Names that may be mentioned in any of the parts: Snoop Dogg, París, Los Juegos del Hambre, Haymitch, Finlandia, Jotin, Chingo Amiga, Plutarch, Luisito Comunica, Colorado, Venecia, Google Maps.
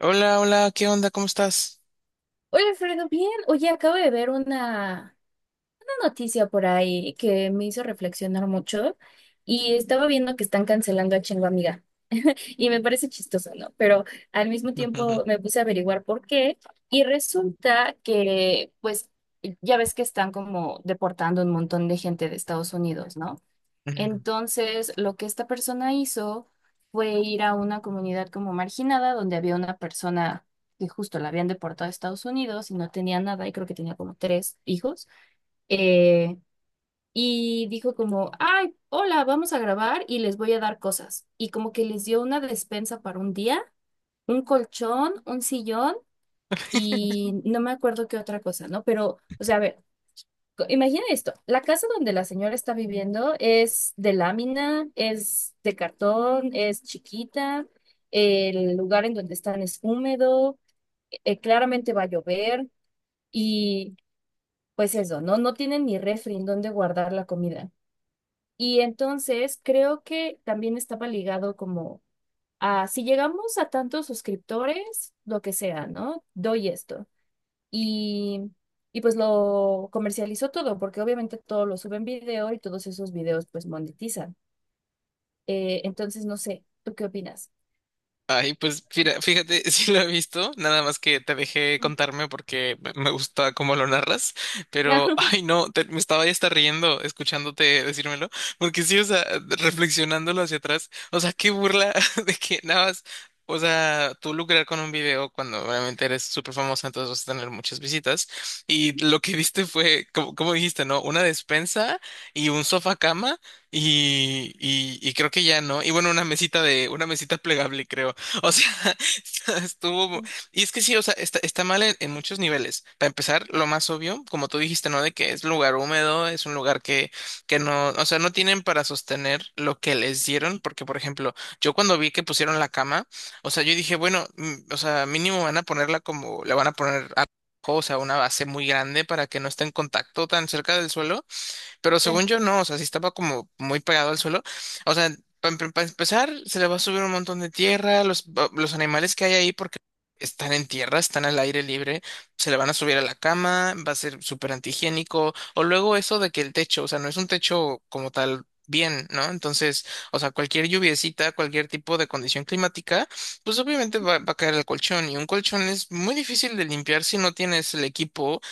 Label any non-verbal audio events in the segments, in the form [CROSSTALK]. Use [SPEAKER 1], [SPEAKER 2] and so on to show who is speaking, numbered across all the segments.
[SPEAKER 1] Hola, hola, ¿qué onda? ¿Cómo estás?
[SPEAKER 2] Hola, Alfredo, bien. Oye, acabo de ver una noticia por ahí que me hizo reflexionar mucho y estaba viendo que están cancelando a Chingo Amiga y me parece chistoso, ¿no? Pero al mismo tiempo
[SPEAKER 1] [LAUGHS]
[SPEAKER 2] me puse a averiguar por qué y resulta que, pues, ya ves que están como deportando un montón de gente de Estados Unidos, ¿no?
[SPEAKER 1] Ujú.
[SPEAKER 2] Entonces, lo que esta persona hizo fue ir a una comunidad como marginada, donde había una persona que justo la habían deportado a Estados Unidos y no tenía nada, y creo que tenía como tres hijos, eh, y dijo como, ay, hola, vamos a grabar y les voy a dar cosas. Y como que les dio una despensa para un día, un colchón, un sillón y no me acuerdo qué otra cosa, ¿no? Pero, o sea, a ver. Imagina esto, la casa donde la señora está viviendo es de lámina, es de cartón, es chiquita, el lugar en donde están es húmedo, claramente va a llover y pues eso, ¿no? No tienen ni refri en donde guardar la comida. Y entonces creo que también estaba ligado como a si llegamos a tantos suscriptores, lo que sea, ¿no? Doy esto. Y, y pues lo comercializó todo, porque obviamente todo lo sube en video y todos esos videos pues monetizan. Entonces, no sé, ¿tú qué opinas?
[SPEAKER 1] Ay, pues fíjate, [LAUGHS] sí lo he visto, nada más que te dejé
[SPEAKER 2] Mm.
[SPEAKER 1] contarme porque me gusta cómo lo narras, pero
[SPEAKER 2] [LAUGHS]
[SPEAKER 1] ay no, me estaba ya hasta riendo escuchándote decírmelo, porque sí, o sea, reflexionándolo hacia atrás, o sea, qué burla [LAUGHS] de que nada más, o sea, tú lucrar con un video cuando realmente eres súper famosa, entonces vas a tener muchas visitas, y lo que diste fue, como, como dijiste, ¿no? Una despensa y un sofá cama. Y creo que ya, ¿no? Y bueno, una mesita plegable, creo. O sea, [LAUGHS] estuvo... Y es que sí, o sea, está mal en muchos niveles. Para empezar, lo más obvio, como tú dijiste, ¿no? De que es lugar húmedo, es un lugar que no, o sea, no tienen para sostener lo que les dieron, porque, por ejemplo, yo cuando vi que pusieron la cama, o sea, yo dije, bueno, o sea, mínimo van a ponerla como, la van a poner a... O sea, una base muy grande para que no esté en contacto tan cerca del suelo, pero según
[SPEAKER 2] Sí.
[SPEAKER 1] yo no, o sea, si estaba como muy pegado al suelo. O sea, para empezar, se le va a subir un montón de tierra, los animales que hay ahí, porque están en tierra, están al aire libre, se le van a subir a la cama, va a ser súper antihigiénico. O luego eso de que el techo, o sea, no es un techo como tal. Bien, ¿no? Entonces, o sea, cualquier lluviecita, cualquier tipo de condición climática, pues obviamente va a caer el colchón y un colchón es muy difícil de limpiar si no tienes el equipo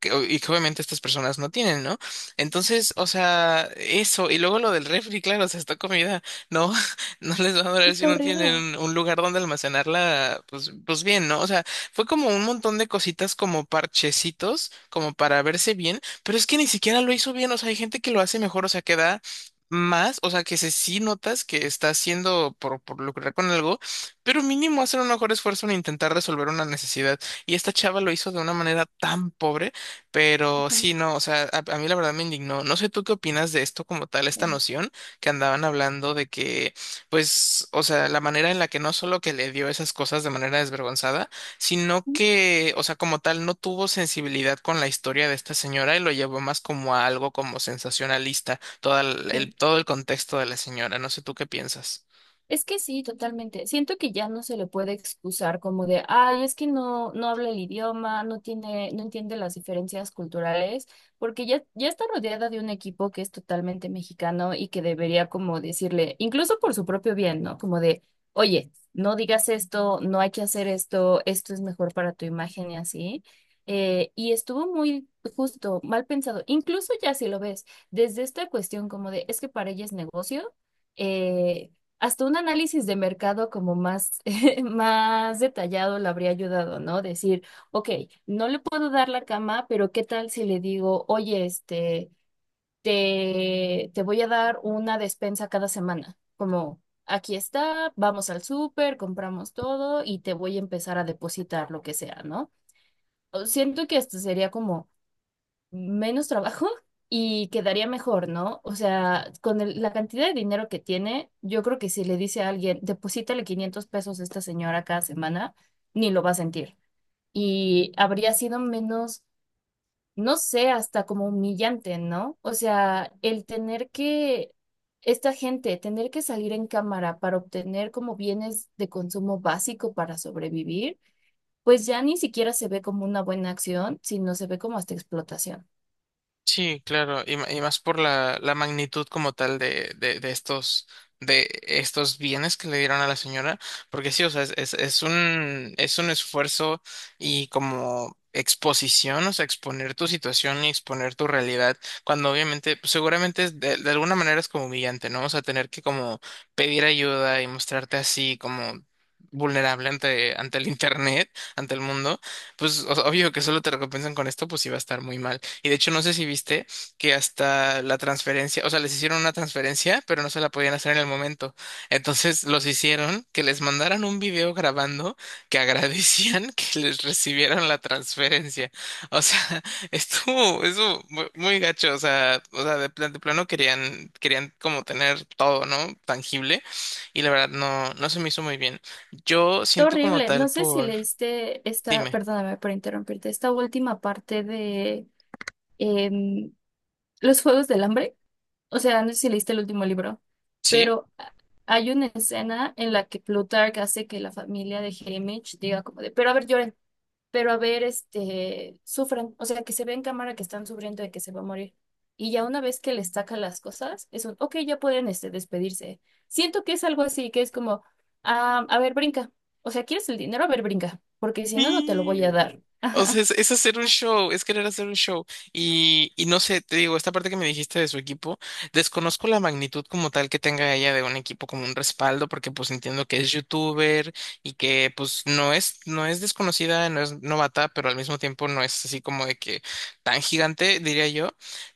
[SPEAKER 1] que y que obviamente estas personas no tienen, ¿no? Entonces, o sea, eso, y luego lo del refri, claro, o sea, esta comida no, [LAUGHS] no les va a durar si
[SPEAKER 2] Está
[SPEAKER 1] no
[SPEAKER 2] horrible.
[SPEAKER 1] tienen un lugar donde almacenarla, pues, pues bien, ¿no? O sea, fue como un montón de cositas como parchecitos, como para verse bien, pero es que ni siquiera lo hizo bien, o sea, hay gente que lo hace mejor, o sea, que da más, o sea, que se sí notas que está haciendo por lucrar con algo, pero mínimo hacer un mejor esfuerzo en intentar resolver una necesidad. Y esta chava lo hizo de una manera tan pobre. Pero
[SPEAKER 2] Ujú.
[SPEAKER 1] sí, no, o sea, a mí la verdad me indignó. No sé tú qué opinas de esto como tal, esta
[SPEAKER 2] Sí.
[SPEAKER 1] noción que andaban hablando de que, pues, o sea, la manera en la que no solo que le dio esas cosas de manera desvergonzada, sino
[SPEAKER 2] Mm.
[SPEAKER 1] que, o sea, como tal, no tuvo sensibilidad con la historia de esta señora y lo llevó más como a algo como sensacionalista, todo
[SPEAKER 2] Sí.
[SPEAKER 1] todo el contexto de la señora. No sé tú qué piensas.
[SPEAKER 2] Es que sí, totalmente. Siento que ya no se le puede excusar como de, ay, es que no, no habla el idioma, no tiene, no entiende las diferencias culturales, porque ya, ya está rodeada de un equipo que es totalmente mexicano y que debería como decirle, incluso por su propio bien, ¿no? Como de, oye, no digas esto, no hay que hacer esto, esto es mejor para tu imagen y así. Y estuvo muy justo, mal pensado. Incluso ya si lo ves, desde esta cuestión como de, es que para ella es negocio. eh, Hasta un análisis de mercado como más, [LAUGHS] más detallado le habría ayudado, ¿no? Decir, ok, no le puedo dar la cama, pero ¿qué tal si le digo, oye, este, te voy a dar una despensa cada semana? Como, aquí está, vamos al súper, compramos todo y te voy a empezar a depositar lo que sea, ¿no? O Siento que esto sería como menos trabajo [LAUGHS] y quedaría mejor, ¿no? O sea, con la cantidad de dinero que tiene, yo creo que si le dice a alguien, deposítale 500 pesos a esta señora cada semana, ni lo va a sentir. Y habría sido menos, no sé, hasta como humillante, ¿no? O sea, el tener que, esta gente, tener que salir en cámara para obtener como bienes de consumo básico para sobrevivir, pues ya ni siquiera se ve como una buena acción, sino se ve como hasta explotación.
[SPEAKER 1] Sí, claro, y más por la magnitud como tal de estos bienes que le dieron a la señora, porque sí, o sea, es un esfuerzo y como exposición, o sea, exponer tu situación y exponer tu realidad, cuando obviamente, pues, seguramente es de alguna manera es como humillante, ¿no? O sea, tener que como pedir ayuda y mostrarte así como vulnerable ante el internet, ante el mundo. Pues obvio que solo te recompensan con esto, pues iba a estar muy mal. Y de hecho, no sé si viste que hasta la transferencia, o sea, les hicieron una transferencia, pero no se la podían hacer en el momento. Entonces los hicieron que les mandaran un video grabando que agradecían [LAUGHS] que les recibieron la transferencia. O sea, [LAUGHS] estuvo, eso muy, muy gacho. O sea, de plano querían como tener todo, ¿no? Tangible. Y la verdad, no, no se me hizo muy bien. Yo siento como
[SPEAKER 2] Horrible.
[SPEAKER 1] tal
[SPEAKER 2] No sé si
[SPEAKER 1] por.
[SPEAKER 2] leíste esta,
[SPEAKER 1] Dime,
[SPEAKER 2] perdóname por interrumpirte, esta última parte de em, Los Juegos del Hambre. O sea, no sé si leíste el último libro,
[SPEAKER 1] ¿sí?
[SPEAKER 2] pero hay una escena en la que Plutarch hace que la familia de Haymitch diga como de, pero a ver, lloren pero a ver, este, sufran, o sea, que se ve en cámara que están sufriendo de que se va a morir. Y ya una vez que les saca las cosas, es un, ok, ya pueden, este, despedirse. Siento que es algo así, que es como, ah, a ver, brinca. O sea, ¿quieres el dinero? A ver, brinca, porque si no, no te lo voy a
[SPEAKER 1] Sí.
[SPEAKER 2] dar. [LAUGHS]
[SPEAKER 1] O
[SPEAKER 2] Ajá.
[SPEAKER 1] sea, es hacer un show, es querer hacer un show. Y no sé, te digo, esta parte que me dijiste de su equipo, desconozco la magnitud como tal que tenga ella de un equipo como un respaldo, porque pues entiendo que es youtuber y que pues no es, no es desconocida, no es novata, pero al mismo tiempo no es así como de que tan gigante, diría yo.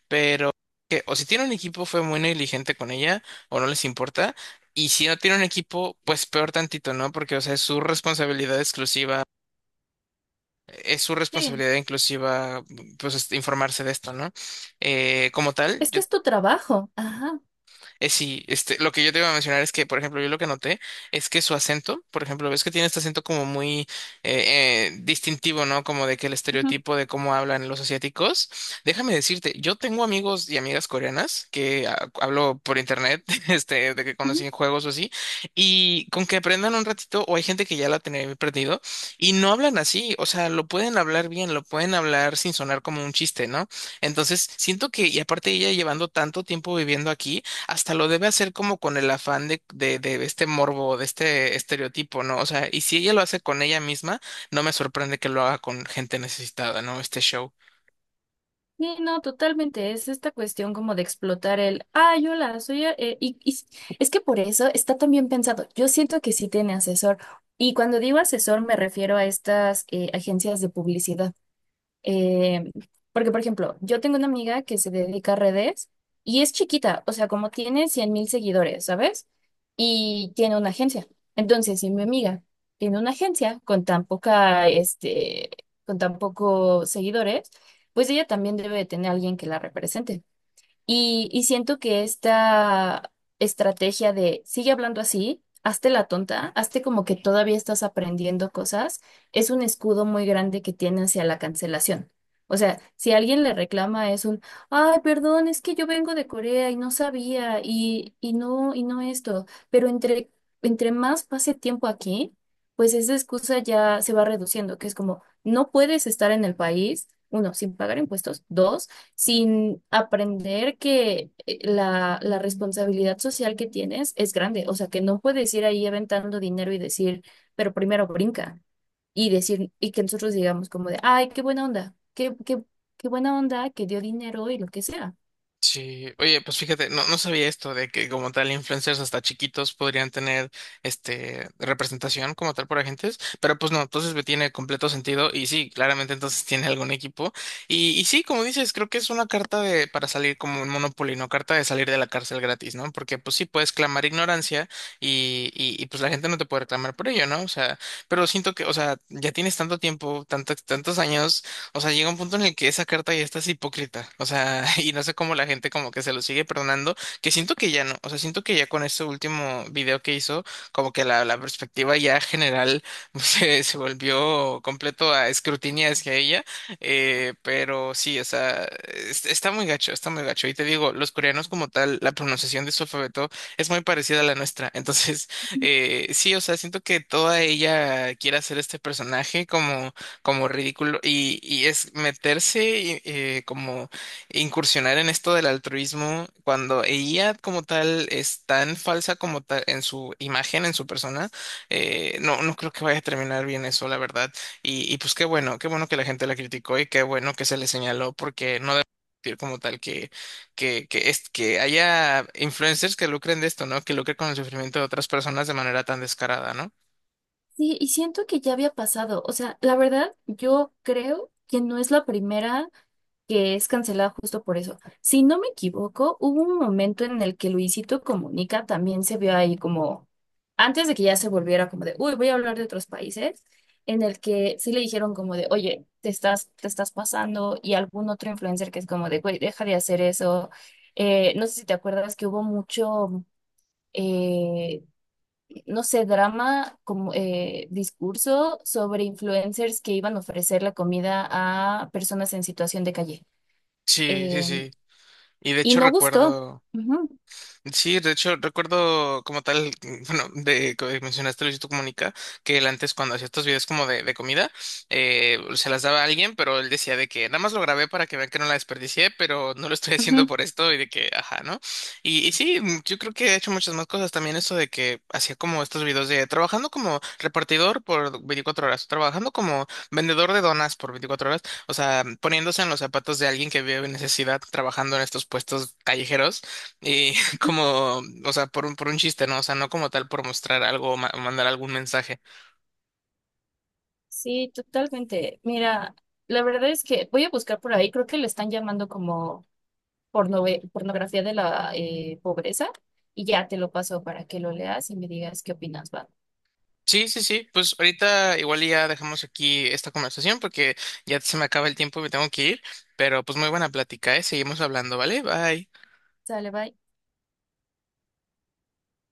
[SPEAKER 1] Pero que o si tiene un equipo fue muy negligente con ella, o no les importa. Y si no tiene un equipo, pues peor tantito, ¿no? Porque, o sea, es su responsabilidad exclusiva, es su
[SPEAKER 2] Sí,
[SPEAKER 1] responsabilidad inclusiva, pues, este, informarse de esto, ¿no? Como tal,
[SPEAKER 2] es que
[SPEAKER 1] yo
[SPEAKER 2] es tu trabajo. Ajá.
[SPEAKER 1] sí, este, lo que yo te iba a mencionar es que, por ejemplo, yo lo que noté es que su acento, por ejemplo, ves que tiene este acento como muy distintivo, ¿no? Como de que el
[SPEAKER 2] Ujú,
[SPEAKER 1] estereotipo de cómo hablan los asiáticos. Déjame decirte, yo tengo amigos y amigas coreanas que ah, hablo por internet, [LAUGHS] este, de que conocí
[SPEAKER 2] ujú.
[SPEAKER 1] en juegos o así, y con que aprendan un ratito, o hay gente que ya la tenía perdido, y no hablan así, o sea, lo pueden hablar bien, lo pueden hablar sin sonar como un chiste, ¿no? Entonces, siento que, y aparte ella llevando tanto tiempo viviendo aquí, hasta lo debe hacer como con el afán de este morbo, de este estereotipo, ¿no? O sea, y si ella lo hace con ella misma, no me sorprende que lo haga con gente necesitada, ¿no? Este show.
[SPEAKER 2] Sí, no, totalmente. Es esta cuestión como de explotar el, ah, yo la soy, es que por eso está también pensado. Yo siento que sí tiene asesor. Y cuando digo asesor me refiero a estas agencias de publicidad. Eh, Porque, por ejemplo, yo tengo una amiga que se dedica a redes y es chiquita, o sea, como tiene 100,000 seguidores, ¿sabes? Y tiene una agencia. Entonces, si mi amiga tiene una agencia con tan poca, este, con tan pocos seguidores, pues ella también debe de tener a alguien que la represente. Y siento que esta estrategia de sigue hablando así, hazte la tonta, hazte como que todavía estás aprendiendo cosas, es un escudo muy grande que tiene hacia la cancelación. O sea, si alguien le reclama es un, ay, perdón, es que yo vengo de Corea y no sabía y no esto, pero entre, más pase tiempo aquí, pues esa excusa ya se va reduciendo, que es como, no puedes estar en el país, uno, sin pagar impuestos, dos, sin aprender que la responsabilidad social que tienes es grande. O sea, que no puedes ir ahí aventando dinero y decir, pero primero brinca. Y decir, y que nosotros digamos como de, ay, qué buena onda, qué buena onda que dio dinero y lo que sea.
[SPEAKER 1] Sí, oye, pues fíjate, no, no sabía esto de que como tal influencers hasta chiquitos podrían tener este representación como tal por agentes, pero pues no, entonces me tiene completo sentido y sí, claramente entonces [LAUGHS] tiene algún equipo y sí, como dices, creo que es una carta de para salir como un Monopoly, no carta de salir de la cárcel gratis, ¿no? Porque pues sí puedes clamar ignorancia y pues la gente no te puede reclamar por ello, ¿no? O sea, pero siento que, o sea, ya tienes tanto tiempo, tantos años. O sea, llega un punto en el que esa carta ya está es hipócrita. O sea, [LAUGHS] y no sé cómo la gente como que se lo sigue perdonando, que siento que ya no. O sea, siento que ya con este último video que hizo, como que la perspectiva ya general [LAUGHS] se volvió completo a escrutinio hacia ella. Pero sí, o sea, está muy gacho, está muy gacho. Y te digo, los coreanos como tal, la pronunciación de su alfabeto es muy parecida a la nuestra. [LAUGHS] Entonces, sí, o sea, siento que toda ella quiere hacer este personaje como como ridículo y es meterse y, como incursionar en esto del altruismo cuando ella como tal es tan falsa como tal en su imagen, en su persona, no, no creo que vaya a terminar bien eso, la verdad. Y pues qué bueno que la gente la criticó y qué bueno que se le señaló porque no debe existir como tal que, es, que haya influencers que lucren de esto, ¿no? Que lucren con el sufrimiento de otras personas de manera tan descarada, ¿no?
[SPEAKER 2] Sí, y siento que ya había pasado. O sea, la verdad, yo creo que no es la primera. Que es cancelada justo por eso. Si no me equivoco, hubo un momento en el que Luisito Comunica también se vio ahí como, antes de que ya se volviera como de, uy, voy a hablar de otros países, en el que sí le dijeron como de, oye, te estás pasando, y algún otro influencer que es como de, güey, deja de hacer eso. No sé si te acuerdas que hubo mucho, eh, no sé, drama, como discurso sobre influencers que iban a ofrecer la comida a personas en situación de calle.
[SPEAKER 1] Sí, sí,
[SPEAKER 2] Em,
[SPEAKER 1] sí. Y de
[SPEAKER 2] y
[SPEAKER 1] hecho
[SPEAKER 2] no gustó.
[SPEAKER 1] recuerdo...
[SPEAKER 2] Ujú,
[SPEAKER 1] Sí, de hecho, recuerdo como tal, [LAUGHS] mm, bueno, de que mencionaste Luisito Comunica, que él antes cuando hacía estos videos como de comida, se las daba a alguien, pero él decía de que nada más lo grabé para que vean que no la desperdicié, pero no lo estoy [LAUGHS] haciendo
[SPEAKER 2] ujú.
[SPEAKER 1] por esto y de que, ajá, ¿no? Y sí, mm, yo creo que he hecho muchas más cosas también, eso de que hacía como estos videos de trabajando como repartidor por 24 horas, trabajando como vendedor de donas por 24 horas, o sea, poniéndose en los zapatos de alguien que vive en necesidad, trabajando en estos puestos callejeros como, o sea, por un chiste, ¿no? O sea, no como tal por mostrar algo o o mandar algún mensaje.
[SPEAKER 2] Sí, totalmente. Mira, la verdad es que voy a buscar por ahí, creo que le están llamando como pornografía de la pobreza y ya te lo paso para que lo leas y me digas qué opinas, va.
[SPEAKER 1] Sí, sí, sí, pues ahorita igual y ya dejamos aquí esta conversación porque ya se me acaba el tiempo y me tengo que ir, pero pues muy buena plática, ¿eh? Seguimos hablando, ¿vale? Bye.
[SPEAKER 2] Sale, bye.